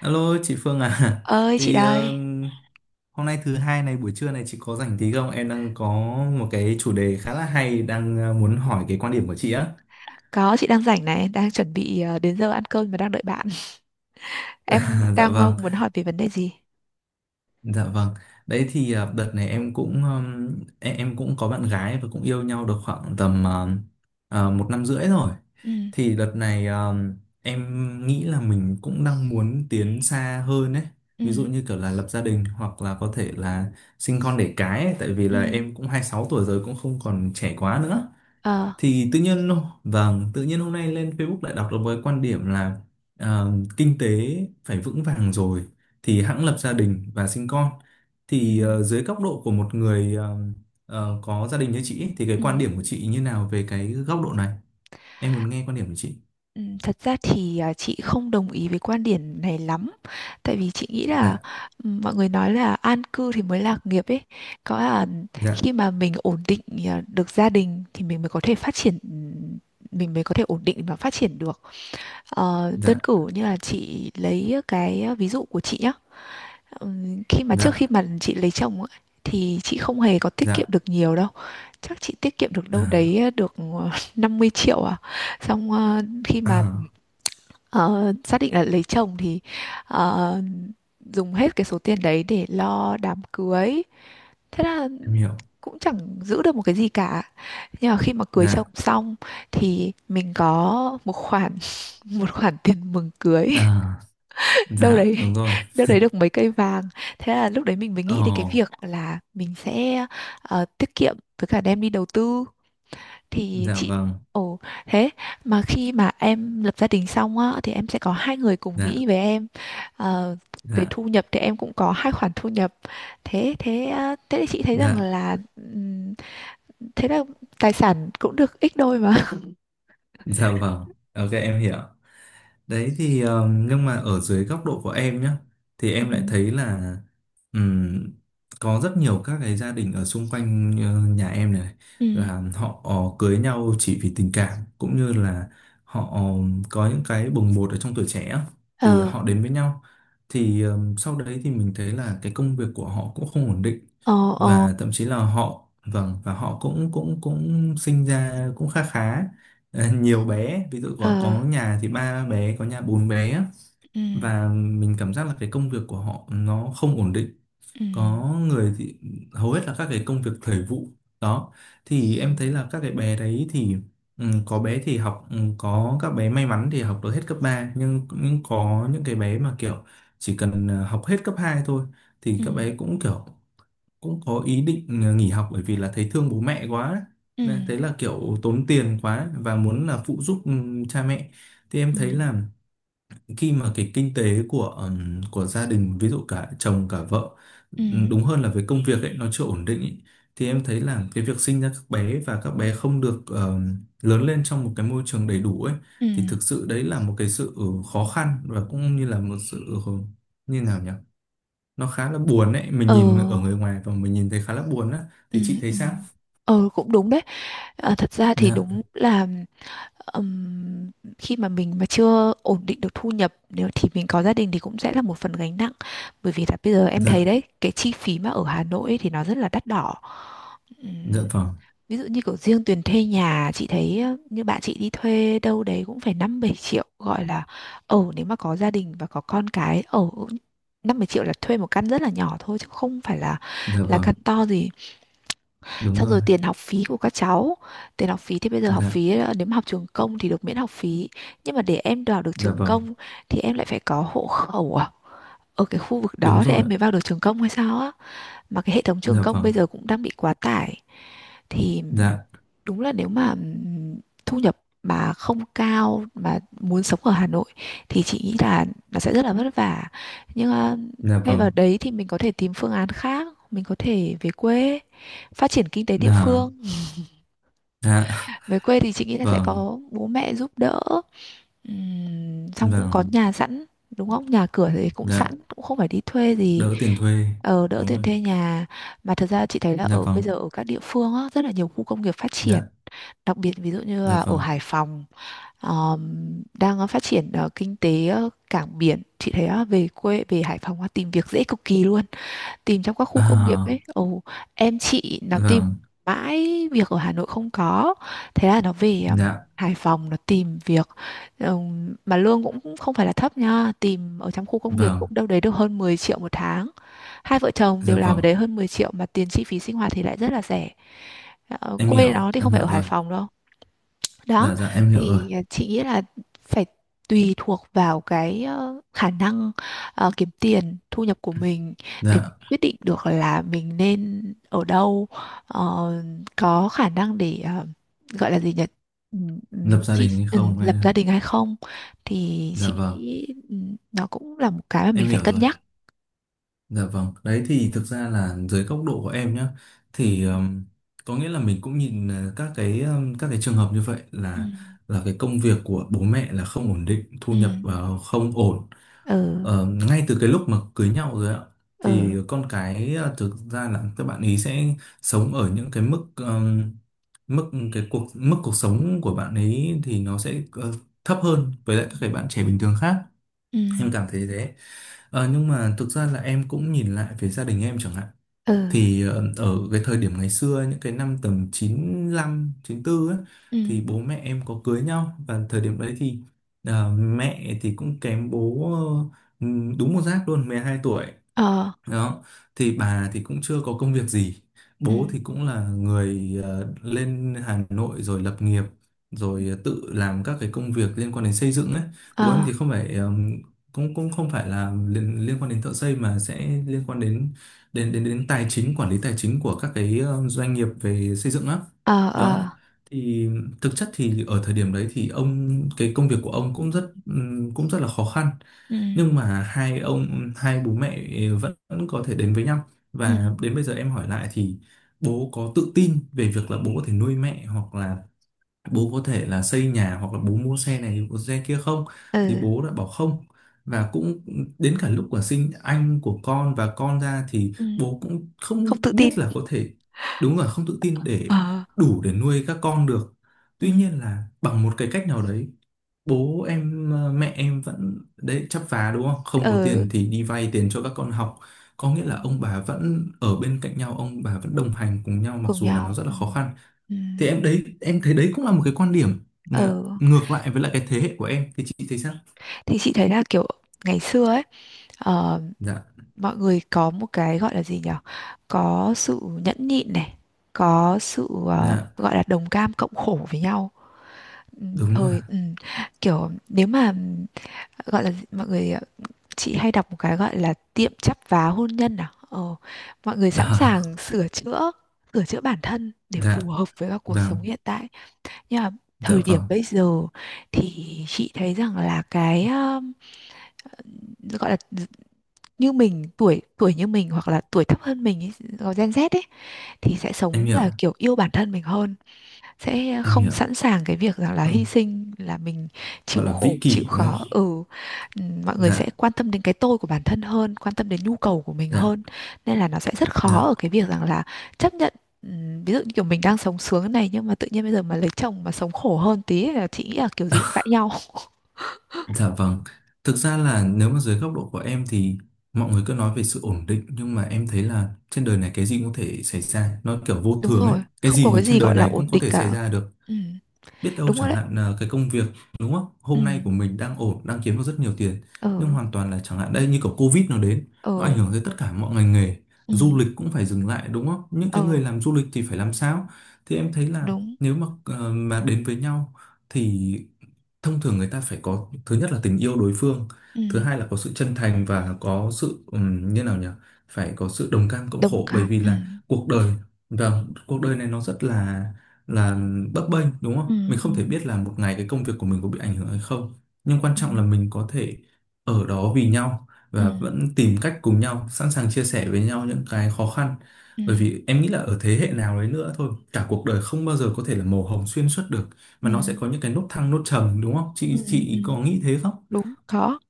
Alo chị Phương à Ơi chị thì ờ, đây. Hôm nay thứ hai này, buổi trưa này chị có rảnh tí không? Em đang có một cái chủ đề khá là hay, đang muốn hỏi cái quan điểm của chị á. Có, chị đang rảnh này, đang chuẩn bị đến giờ ăn cơm mà đang đợi bạn. Em À, dạ đang vâng. muốn hỏi về vấn đề gì? Dạ vâng. Đấy thì à, đợt này em cũng em cũng có bạn gái và cũng yêu nhau được khoảng tầm một năm rưỡi rồi. Ừ, Thì đợt này em nghĩ là mình cũng đang muốn tiến xa hơn ấy. Ví dụ ừ, như kiểu là lập gia đình hoặc là có thể là sinh con đẻ cái ấy. Tại vì ừ, là em cũng 26 tuổi rồi, cũng không còn trẻ quá nữa, ờ, thì tự nhiên, vâng tự nhiên hôm nay lên Facebook lại đọc được với quan điểm là ờ, kinh tế phải vững vàng rồi thì hẵng lập gia đình và sinh con. ừ, Thì dưới góc độ của một người có gia đình như chị ấy, thì cái ừ. quan điểm của chị như nào về cái góc độ này? Em muốn nghe quan điểm của chị. Ừ, thật ra thì chị không đồng ý với quan điểm này lắm. Tại vì chị nghĩ là, Dạ. ừ, mọi người nói là an cư thì mới lạc nghiệp ấy. Có là Dạ. khi mà mình ổn định được gia đình thì mình mới có thể phát triển, mình mới có thể ổn định và phát triển được. Ờ, đơn Dạ. cử như là chị lấy cái ví dụ của chị nhá. Khi mà trước Dạ. khi mà chị lấy chồng ấy, thì chị không hề có tiết kiệm Dạ. được nhiều đâu. Chắc chị tiết kiệm được đâu đấy À. Được 50 triệu à. Xong khi mà À, ờ, xác định là lấy chồng thì ờ, dùng hết cái số tiền đấy để lo đám cưới. Thế là em hiểu. cũng chẳng giữ được một cái gì cả. Nhưng mà khi mà cưới chồng Dạ. xong thì mình có một khoản một khoản tiền mừng cưới, À, đâu dạ đấy đúng rồi. đâu đấy được mấy cây vàng. Thế là lúc đấy mình mới Ồ. nghĩ đến cái việc là mình sẽ tiết kiệm với cả đem đi đầu tư. Thì Dạ chị, vâng. ồ, thế mà khi mà em lập gia đình xong á thì em sẽ có hai người cùng Dạ. nghĩ với em. Ờ, về Dạ. thu nhập thì em cũng có hai khoản thu nhập. Thế thế ờ, thế thì chị thấy rằng Dạ. là, thế là tài sản cũng được ít đôi mà. Dạ vâng. Ok, em hiểu. Đấy thì nhưng mà ở dưới góc độ của em nhá, thì Ừ. em lại thấy là ừm, có rất nhiều các cái gia đình ở xung quanh nhà em này Ừ. là họ cưới nhau chỉ vì tình cảm, cũng như là họ có những cái bồng bột ở trong tuổi trẻ á, thì Ờ. họ đến với nhau. Thì sau đấy thì mình thấy là cái công việc của họ cũng không ổn định, Ờ. Ờ. và thậm chí là họ vâng, và họ cũng cũng cũng sinh ra cũng khá khá. Ờ, nhiều bé, ví dụ Ừ. có Ờ. nhà thì ba bé, có nhà bốn bé á. Ừ, Và mình cảm giác là cái công việc của họ nó không ổn định, ừ, có người thì hầu hết là các cái công việc thời vụ đó. Thì ừ, em thấy là các cái bé đấy thì, ừ, có bé thì học, ừ, có các bé may mắn thì học được hết cấp ba, nhưng có những cái bé mà kiểu chỉ cần học hết cấp 2 thôi thì ừ, các bé cũng kiểu cũng có ý định nghỉ học, bởi vì là thấy thương bố mẹ quá ừ, nên thấy là kiểu tốn tiền quá và muốn là phụ giúp cha mẹ. Thì em ừ, thấy là khi mà cái kinh tế của gia đình, ví dụ cả chồng cả vợ, ừ, đúng hơn là với công việc ấy nó chưa ổn định ấy, thì em thấy là cái việc sinh ra các bé và các bé không được lớn lên trong một cái môi trường đầy đủ ấy ừ, thì thực sự đấy là một cái sự khó khăn, và cũng như là một sự, ừ, như nào nhỉ, nó khá là buồn đấy, mình ờ, nhìn ở người ngoài và mình nhìn thấy khá là buồn á, ừ, thì chị thấy ừ. sao? Ờ, cũng đúng đấy. Ờ, thật ra thì Dạ. đúng là, ừm, khi mà mình mà chưa ổn định được thu nhập nếu thì mình có gia đình thì cũng sẽ là một phần gánh nặng. Bởi vì là bây giờ em thấy Dạ. đấy, cái chi phí mà ở Hà Nội ấy thì nó rất là đắt đỏ. Dạ vâng. Ví dụ như kiểu riêng tiền thuê nhà, chị thấy như bạn chị đi thuê đâu đấy cũng phải 5-7 triệu, gọi là ở nếu mà có gia đình và có con cái ở, 5-7 triệu là thuê một căn rất là nhỏ thôi chứ không phải là Dạ là vâng, căn to gì. đúng Xong rồi. rồi tiền học phí của các cháu. Tiền học phí thì bây giờ học Dạ. phí, nếu mà học trường công thì được miễn học phí. Nhưng mà để em vào được Dạ trường vâng, công thì em lại phải có hộ khẩu à? Ở cái khu vực đúng đó thì rồi. em mới vào được trường công hay sao á? Mà cái hệ thống trường Dạ công vâng. bây giờ cũng đang bị quá tải, thì Dạ. đúng là nếu mà, thu nhập mà không cao mà muốn sống ở Hà Nội thì chị nghĩ là nó sẽ rất là vất vả. Nhưng Dạ thay vào vâng. đấy thì mình có thể tìm phương án khác, mình có thể về quê phát triển kinh tế địa Dạ. phương. Dạ Về quê thì chị nghĩ là sẽ vâng có bố mẹ giúp đỡ. Xong cũng có vâng. nhà sẵn, đúng không, nhà cửa thì cũng sẵn, Dạ, cũng không phải đi thuê gì. đỡ tiền thuê, Đỡ đúng tiền rồi. thuê nhà. Mà thật ra chị thấy là Dạ ở bây vâng. giờ, ở các địa phương á, rất là nhiều khu công nghiệp phát triển. Dạ. Đặc biệt ví dụ như Dạ là ở vâng. Hải Phòng, ờ, đang phát triển kinh tế cảng biển. Chị thấy về quê về Hải Phòng tìm việc dễ cực kỳ luôn. Tìm trong các khu công nghiệp ấy. À, Ồ, em chị nó tìm vâng. mãi việc ở Hà Nội không có, thế là nó về Dạ Hải Phòng nó tìm việc. Mà lương cũng không phải là thấp nha, tìm ở trong khu công nghiệp cũng vâng. đâu đấy được hơn 10 triệu một tháng. Hai vợ chồng Dạ đều làm ở vâng, đấy hơn 10 triệu, mà tiền chi phí sinh hoạt thì lại rất là rẻ. Ờ, em quê nó hiểu, thì em không phải hiểu ở Hải rồi. Phòng đâu. Đó Dạ. Dạ, em hiểu rồi. thì, chị nghĩ là phải tùy thuộc vào cái khả năng kiếm tiền thu nhập của mình, để mình Dạ, quyết định được là mình nên ở đâu, ờ, có khả năng để gọi là gì nhỉ, Ừm, ừm, lập gia chị đình hay không hay. lập gia đình hay không. Thì Dạ chị vâng, nghĩ, nó cũng là một cái mà mình em phải hiểu cân rồi. nhắc. Dạ vâng, đấy thì thực ra là dưới góc độ của em nhá, Ừ, thì có nghĩa là mình cũng nhìn các cái, các cái trường hợp như vậy ừ, là cái công việc của bố mẹ là không ổn định, thu ừ, nhập không ổn. ừ, Ờ, ngay từ cái lúc mà cưới nhau rồi ạ, thì ừ, con cái, thực ra là các bạn ý sẽ sống ở những cái mức mức, cái cuộc mức cuộc sống của bạn ấy thì nó sẽ thấp hơn với lại ừ, các cái bạn trẻ bình thường khác, ừ, em cảm thấy thế. Ờ, nhưng mà thực ra là em cũng nhìn lại về gia đình em chẳng hạn, ừ, thì ở cái thời điểm ngày xưa, những cái năm tầm 95, 94 ấy, ừ, thì bố mẹ em có cưới nhau, và thời điểm đấy thì mẹ thì cũng kém bố ờ, đúng một giáp luôn, 12 tuổi ờ, đó. Thì bà thì cũng chưa có công việc gì, ừ. bố thì cũng là người lên Hà Nội rồi lập nghiệp, rồi tự làm các cái công việc liên quan đến xây dựng ấy. Bố em Ờ, thì không phải cũng cũng không phải là liên, liên quan đến thợ xây, mà sẽ liên quan đến đến tài chính, quản lý tài chính của các cái doanh nghiệp về xây dựng á ờ, đó. ờ, Thì thực chất thì ở thời điểm đấy thì ông, cái công việc của ông cũng rất là khó khăn, ừ, nhưng mà hai ông, hai bố mẹ vẫn có thể đến với nhau. ừ, Và đến bây giờ em hỏi lại thì bố có tự tin về việc là bố có thể nuôi mẹ, hoặc là bố có thể là xây nhà, hoặc là bố mua xe này mua xe kia không, thì ừ, bố đã bảo không. Và cũng đến cả lúc của sinh anh của con và con ra thì ừ. bố cũng Không không tự biết tin. là có thể, đúng là không tự tin để Ờ, đủ để nuôi các con được. ừ, Tuy nhiên là bằng một cái cách nào đấy, bố em, mẹ em vẫn đấy chắp vá đúng không, không có ừ, tiền thì đi vay tiền cho các con học, có nghĩa ừ, là ông bà vẫn ở bên cạnh nhau, ông bà vẫn đồng hành cùng nhau mặc cùng dù là nó nhau, rất là ừ, khó khăn. ừ, Thì em đấy em thấy đấy cũng là một cái quan điểm ừ. ngược lại với lại cái thế hệ của em, thì chị thấy sao? Thì chị thấy là kiểu ngày xưa ấy, ờ, Dạ. mọi người có một cái gọi là gì nhở, có sự nhẫn nhịn này, có sự Dạ, gọi là đồng cam cộng khổ với nhau. Ừ, đúng rồi. thời, ừ, kiểu nếu mà gọi là mọi người, chị hay đọc một cái gọi là tiệm chắp vá hôn nhân à, mọi người sẵn sàng À, sửa chữa, sửa chữa bản thân để dạ phù hợp với các cuộc vâng. sống hiện tại. Nhưng mà Dạ thời điểm vâng, bây giờ, thì chị thấy rằng là cái, gọi là như mình, tuổi tuổi như mình hoặc là tuổi thấp hơn mình ý, gọi Gen Z ấy, thì sẽ em sống hiểu, là kiểu yêu bản thân mình hơn. Sẽ em không hiểu. sẵn sàng cái việc rằng là hy Không, sinh là mình chịu gọi là vĩ khổ chịu kỷ đúng khó, không. ừ. Mọi người sẽ Dạ. quan tâm đến cái tôi của bản thân hơn, quan tâm đến nhu cầu của mình Dạ. hơn, nên là nó sẽ rất khó Dạ. ở cái việc rằng là chấp nhận, ví dụ như kiểu mình đang sống sướng này, nhưng mà tự nhiên bây giờ mà lấy chồng mà sống khổ hơn tí là chị nghĩ là kiểu gì cũng cãi nhau. Dạ vâng, thực ra là nếu mà dưới góc độ của em thì mọi người cứ nói về sự ổn định, nhưng mà em thấy là trên đời này cái gì cũng có thể xảy ra, nó kiểu vô Đúng thường ấy, rồi, cái không gì có thì cái trên gì đời gọi là này ổn cũng có định thể xảy cả. ra được. Ừ. Biết đâu Đúng rồi chẳng đấy. hạn là cái công việc đúng không, Ừ, hôm nay của mình đang ổn, đang kiếm được rất nhiều tiền, ừ, nhưng hoàn toàn là chẳng hạn đây như kiểu Covid nó đến, nó ừ, ảnh hưởng tới tất cả mọi ngành nghề, ừ, du lịch cũng phải dừng lại đúng không, những cái người ừ. làm du lịch thì phải làm sao? Thì em thấy là Đúng. nếu mà mà đến với nhau thì thông thường người ta phải có, thứ nhất là tình yêu đối phương, Ừ. thứ hai là có sự chân thành và có sự, như nào nhỉ, phải có sự đồng cam cộng Đồng khổ, bởi cảm. vì Ừ, là cuộc đời, vâng cuộc đời này nó rất là bấp bênh đúng không? ừ, Mình ừ, không thể biết là một ngày cái công việc của mình có bị ảnh hưởng hay không. Nhưng quan ừ. trọng là mình có thể ở đó vì nhau Ừ, và vẫn tìm cách cùng nhau, sẵn sàng chia sẻ với nhau những cái khó khăn. ừ, Bởi vì em nghĩ là ở thế hệ nào đấy nữa thôi, cả cuộc đời không bao giờ có thể là màu hồng xuyên suốt được, ừ, mà nó sẽ có những cái nốt thăng nốt trầm đúng không? ừ, Chị ừ. chị có nghĩ thế không? Đúng, khó.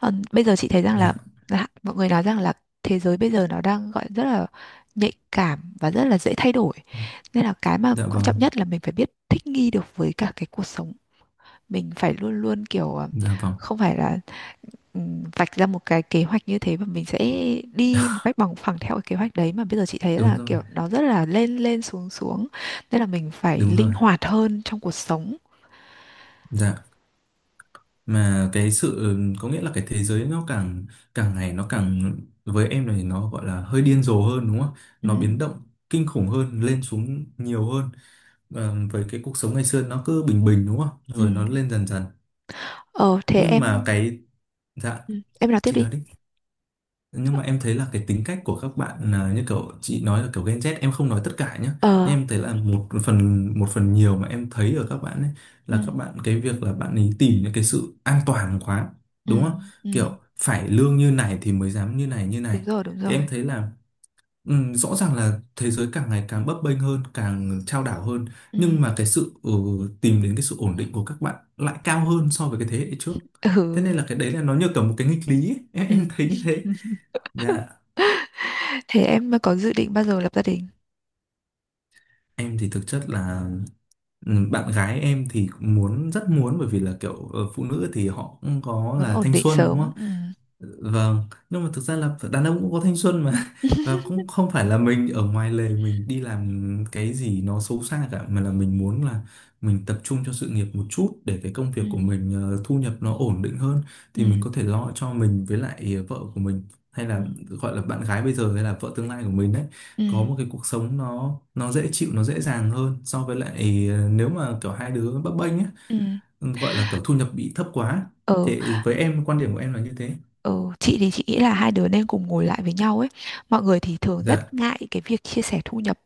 Ờ, bây giờ chị thấy rằng là, Dạ. là mọi người nói rằng là thế giới bây giờ nó đang gọi rất là nhạy cảm và rất là dễ thay đổi. Nên là cái mà Dạ quan trọng vâng. nhất là mình phải biết thích nghi được với cả cái cuộc sống. Mình phải luôn luôn kiểu Dạ vâng. không phải là, vạch ra một cái kế hoạch như thế và mình sẽ đi một cách bằng phẳng theo cái kế hoạch đấy, mà bây giờ chị thấy Đúng là rồi. kiểu nó rất là lên lên xuống xuống. Nên là mình phải Đúng linh rồi. hoạt hơn trong cuộc sống. Dạ. Mà cái sự có nghĩa là cái thế giới nó càng càng ngày nó càng, với em này nó gọi là hơi điên rồ hơn đúng không? Ừ. Nó biến động kinh khủng hơn, lên xuống nhiều hơn. Ờ, với cái cuộc sống ngày xưa nó cứ bình bình đúng không? Ừ. Rồi nó lên dần dần. Ờ, thế Nhưng mà em cái, dạ, ừ, em nói tiếp chị đi. nói đi, nhưng mà em thấy là cái tính cách của các bạn là như kiểu chị nói là kiểu Gen Z, em không nói tất cả nhé, nhưng Ờ, em thấy là một phần, một phần nhiều mà em thấy ở các bạn ấy ừ, là các bạn, cái việc là bạn ấy tìm những cái sự an toàn quá ừ, đúng không, ừ. kiểu phải lương như này thì mới dám như này như Đúng này. rồi, đúng Thì rồi. em thấy là, ừ, rõ ràng là thế giới càng ngày càng bấp bênh hơn, càng chao đảo hơn, Ừ, nhưng mà cái sự, ừ, tìm đến cái sự ổn định của các bạn lại cao hơn so với cái thế hệ trước. ừ, Thế nên là cái đấy là nó như kiểu một cái nghịch lý ấy. Em, ừ. em thấy như thế. Dạ. Thế em có dự định bao giờ lập gia đình? Em thì thực chất là, ừ, bạn gái em thì cũng muốn rất muốn, bởi vì là kiểu phụ nữ thì họ cũng có Muốn là ổn thanh định xuân đúng sớm. không? Ừ. Vâng, nhưng mà thực ra là đàn ông cũng có thanh xuân mà và cũng không phải là mình ở ngoài lề mình đi làm cái gì nó xấu xa cả, mà là mình muốn là mình tập trung cho sự nghiệp một chút để cái công việc Ừ, của mình thu nhập nó ổn định hơn, ừ, thì mình có thể lo cho mình với lại vợ của mình, hay ừ, là gọi là bạn gái bây giờ hay là vợ tương lai của mình đấy, ừ, có một cái cuộc sống nó dễ chịu nó dễ dàng hơn so với lại nếu mà kiểu hai đứa bấp bênh ấy, ừ. gọi là kiểu thu nhập bị thấp quá. Ừ. Thì với em, quan điểm của em là như thế. Ừ, chị thì chị nghĩ là hai đứa nên cùng ngồi lại với nhau ấy. Mọi người thì thường rất Dạ, ngại cái việc chia sẻ thu nhập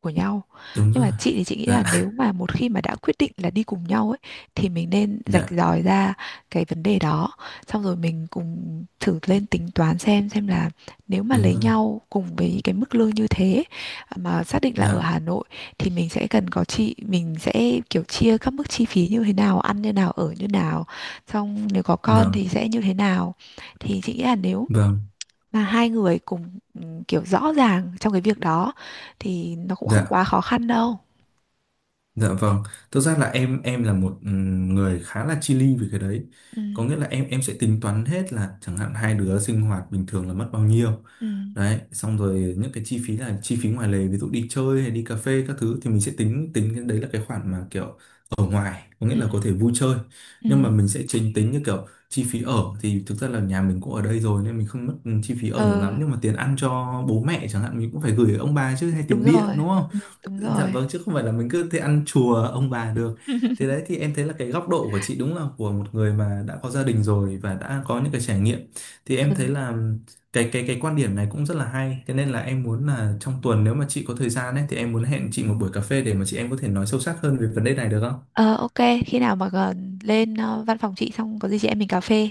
của nhau. đúng Nhưng rồi. mà chị thì chị nghĩ Dạ. là nếu mà một khi mà đã quyết định là đi cùng nhau ấy thì mình nên rạch Dạ, ròi ra cái vấn đề đó. Xong rồi mình cùng thử lên tính toán xem là nếu mà đúng lấy rồi. nhau cùng với cái mức lương như thế, à, mà xác định là ở Dạ Hà Nội thì mình sẽ cần có chị, mình sẽ kiểu chia các mức chi phí như thế nào, ăn như nào, ở như nào. Xong nếu có con thì vâng sẽ như thế nào. Thì chị nghĩ là nếu vâng. mà hai người cùng, ừ, kiểu rõ ràng trong cái việc đó thì nó cũng không Dạ. quá khó khăn đâu. Dạ vâng, thực ra là em là một người khá là chi li về cái đấy. Ừ, Có nghĩa là em sẽ tính toán hết là chẳng hạn hai đứa sinh hoạt bình thường là mất bao nhiêu. ừ, Đấy, xong rồi những cái chi phí là chi phí ngoài lề, ví dụ đi chơi hay đi cà phê các thứ thì mình sẽ tính tính cái đấy là cái khoản mà kiểu ở ngoài, có nghĩa ừ, là có thể vui chơi. ừ. Nhưng mà mình sẽ chính tính như kiểu chi phí ở, thì thực ra là nhà mình cũng ở đây rồi nên mình không mất, ừ, chi phí ở nhiều Ờ, lắm, nhưng mà tiền ăn cho bố mẹ chẳng hạn mình cũng phải gửi ông bà chứ, hay đúng tiền điện rồi. đúng không? Ừ, đúng Dạ rồi. vâng, chứ không phải là mình cứ thế ăn chùa ông bà được. Thế đấy thì em thấy là cái góc độ của chị đúng là của một người mà đã có gia đình rồi và đã có những cái trải nghiệm, thì Ừ. em thấy là cái quan điểm này cũng rất là hay. Thế nên là em muốn là trong tuần nếu mà chị có thời gian ấy thì em muốn hẹn chị một buổi cà phê để mà chị em có thể nói sâu sắc hơn về vấn đề này được không? Ờ, ok, khi nào mà gần lên văn phòng chị xong, có gì chị em mình cà phê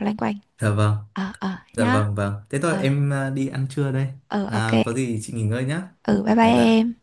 loanh quanh. Dạ vâng. Ờ, ờ, Dạ nhá. vâng vâng. Thế thôi Ờ, em à, đi ăn trưa đây. ờ, ok. À, có gì chị nghỉ ngơi nhá. Ừ, bye bye Dạ dạ. em.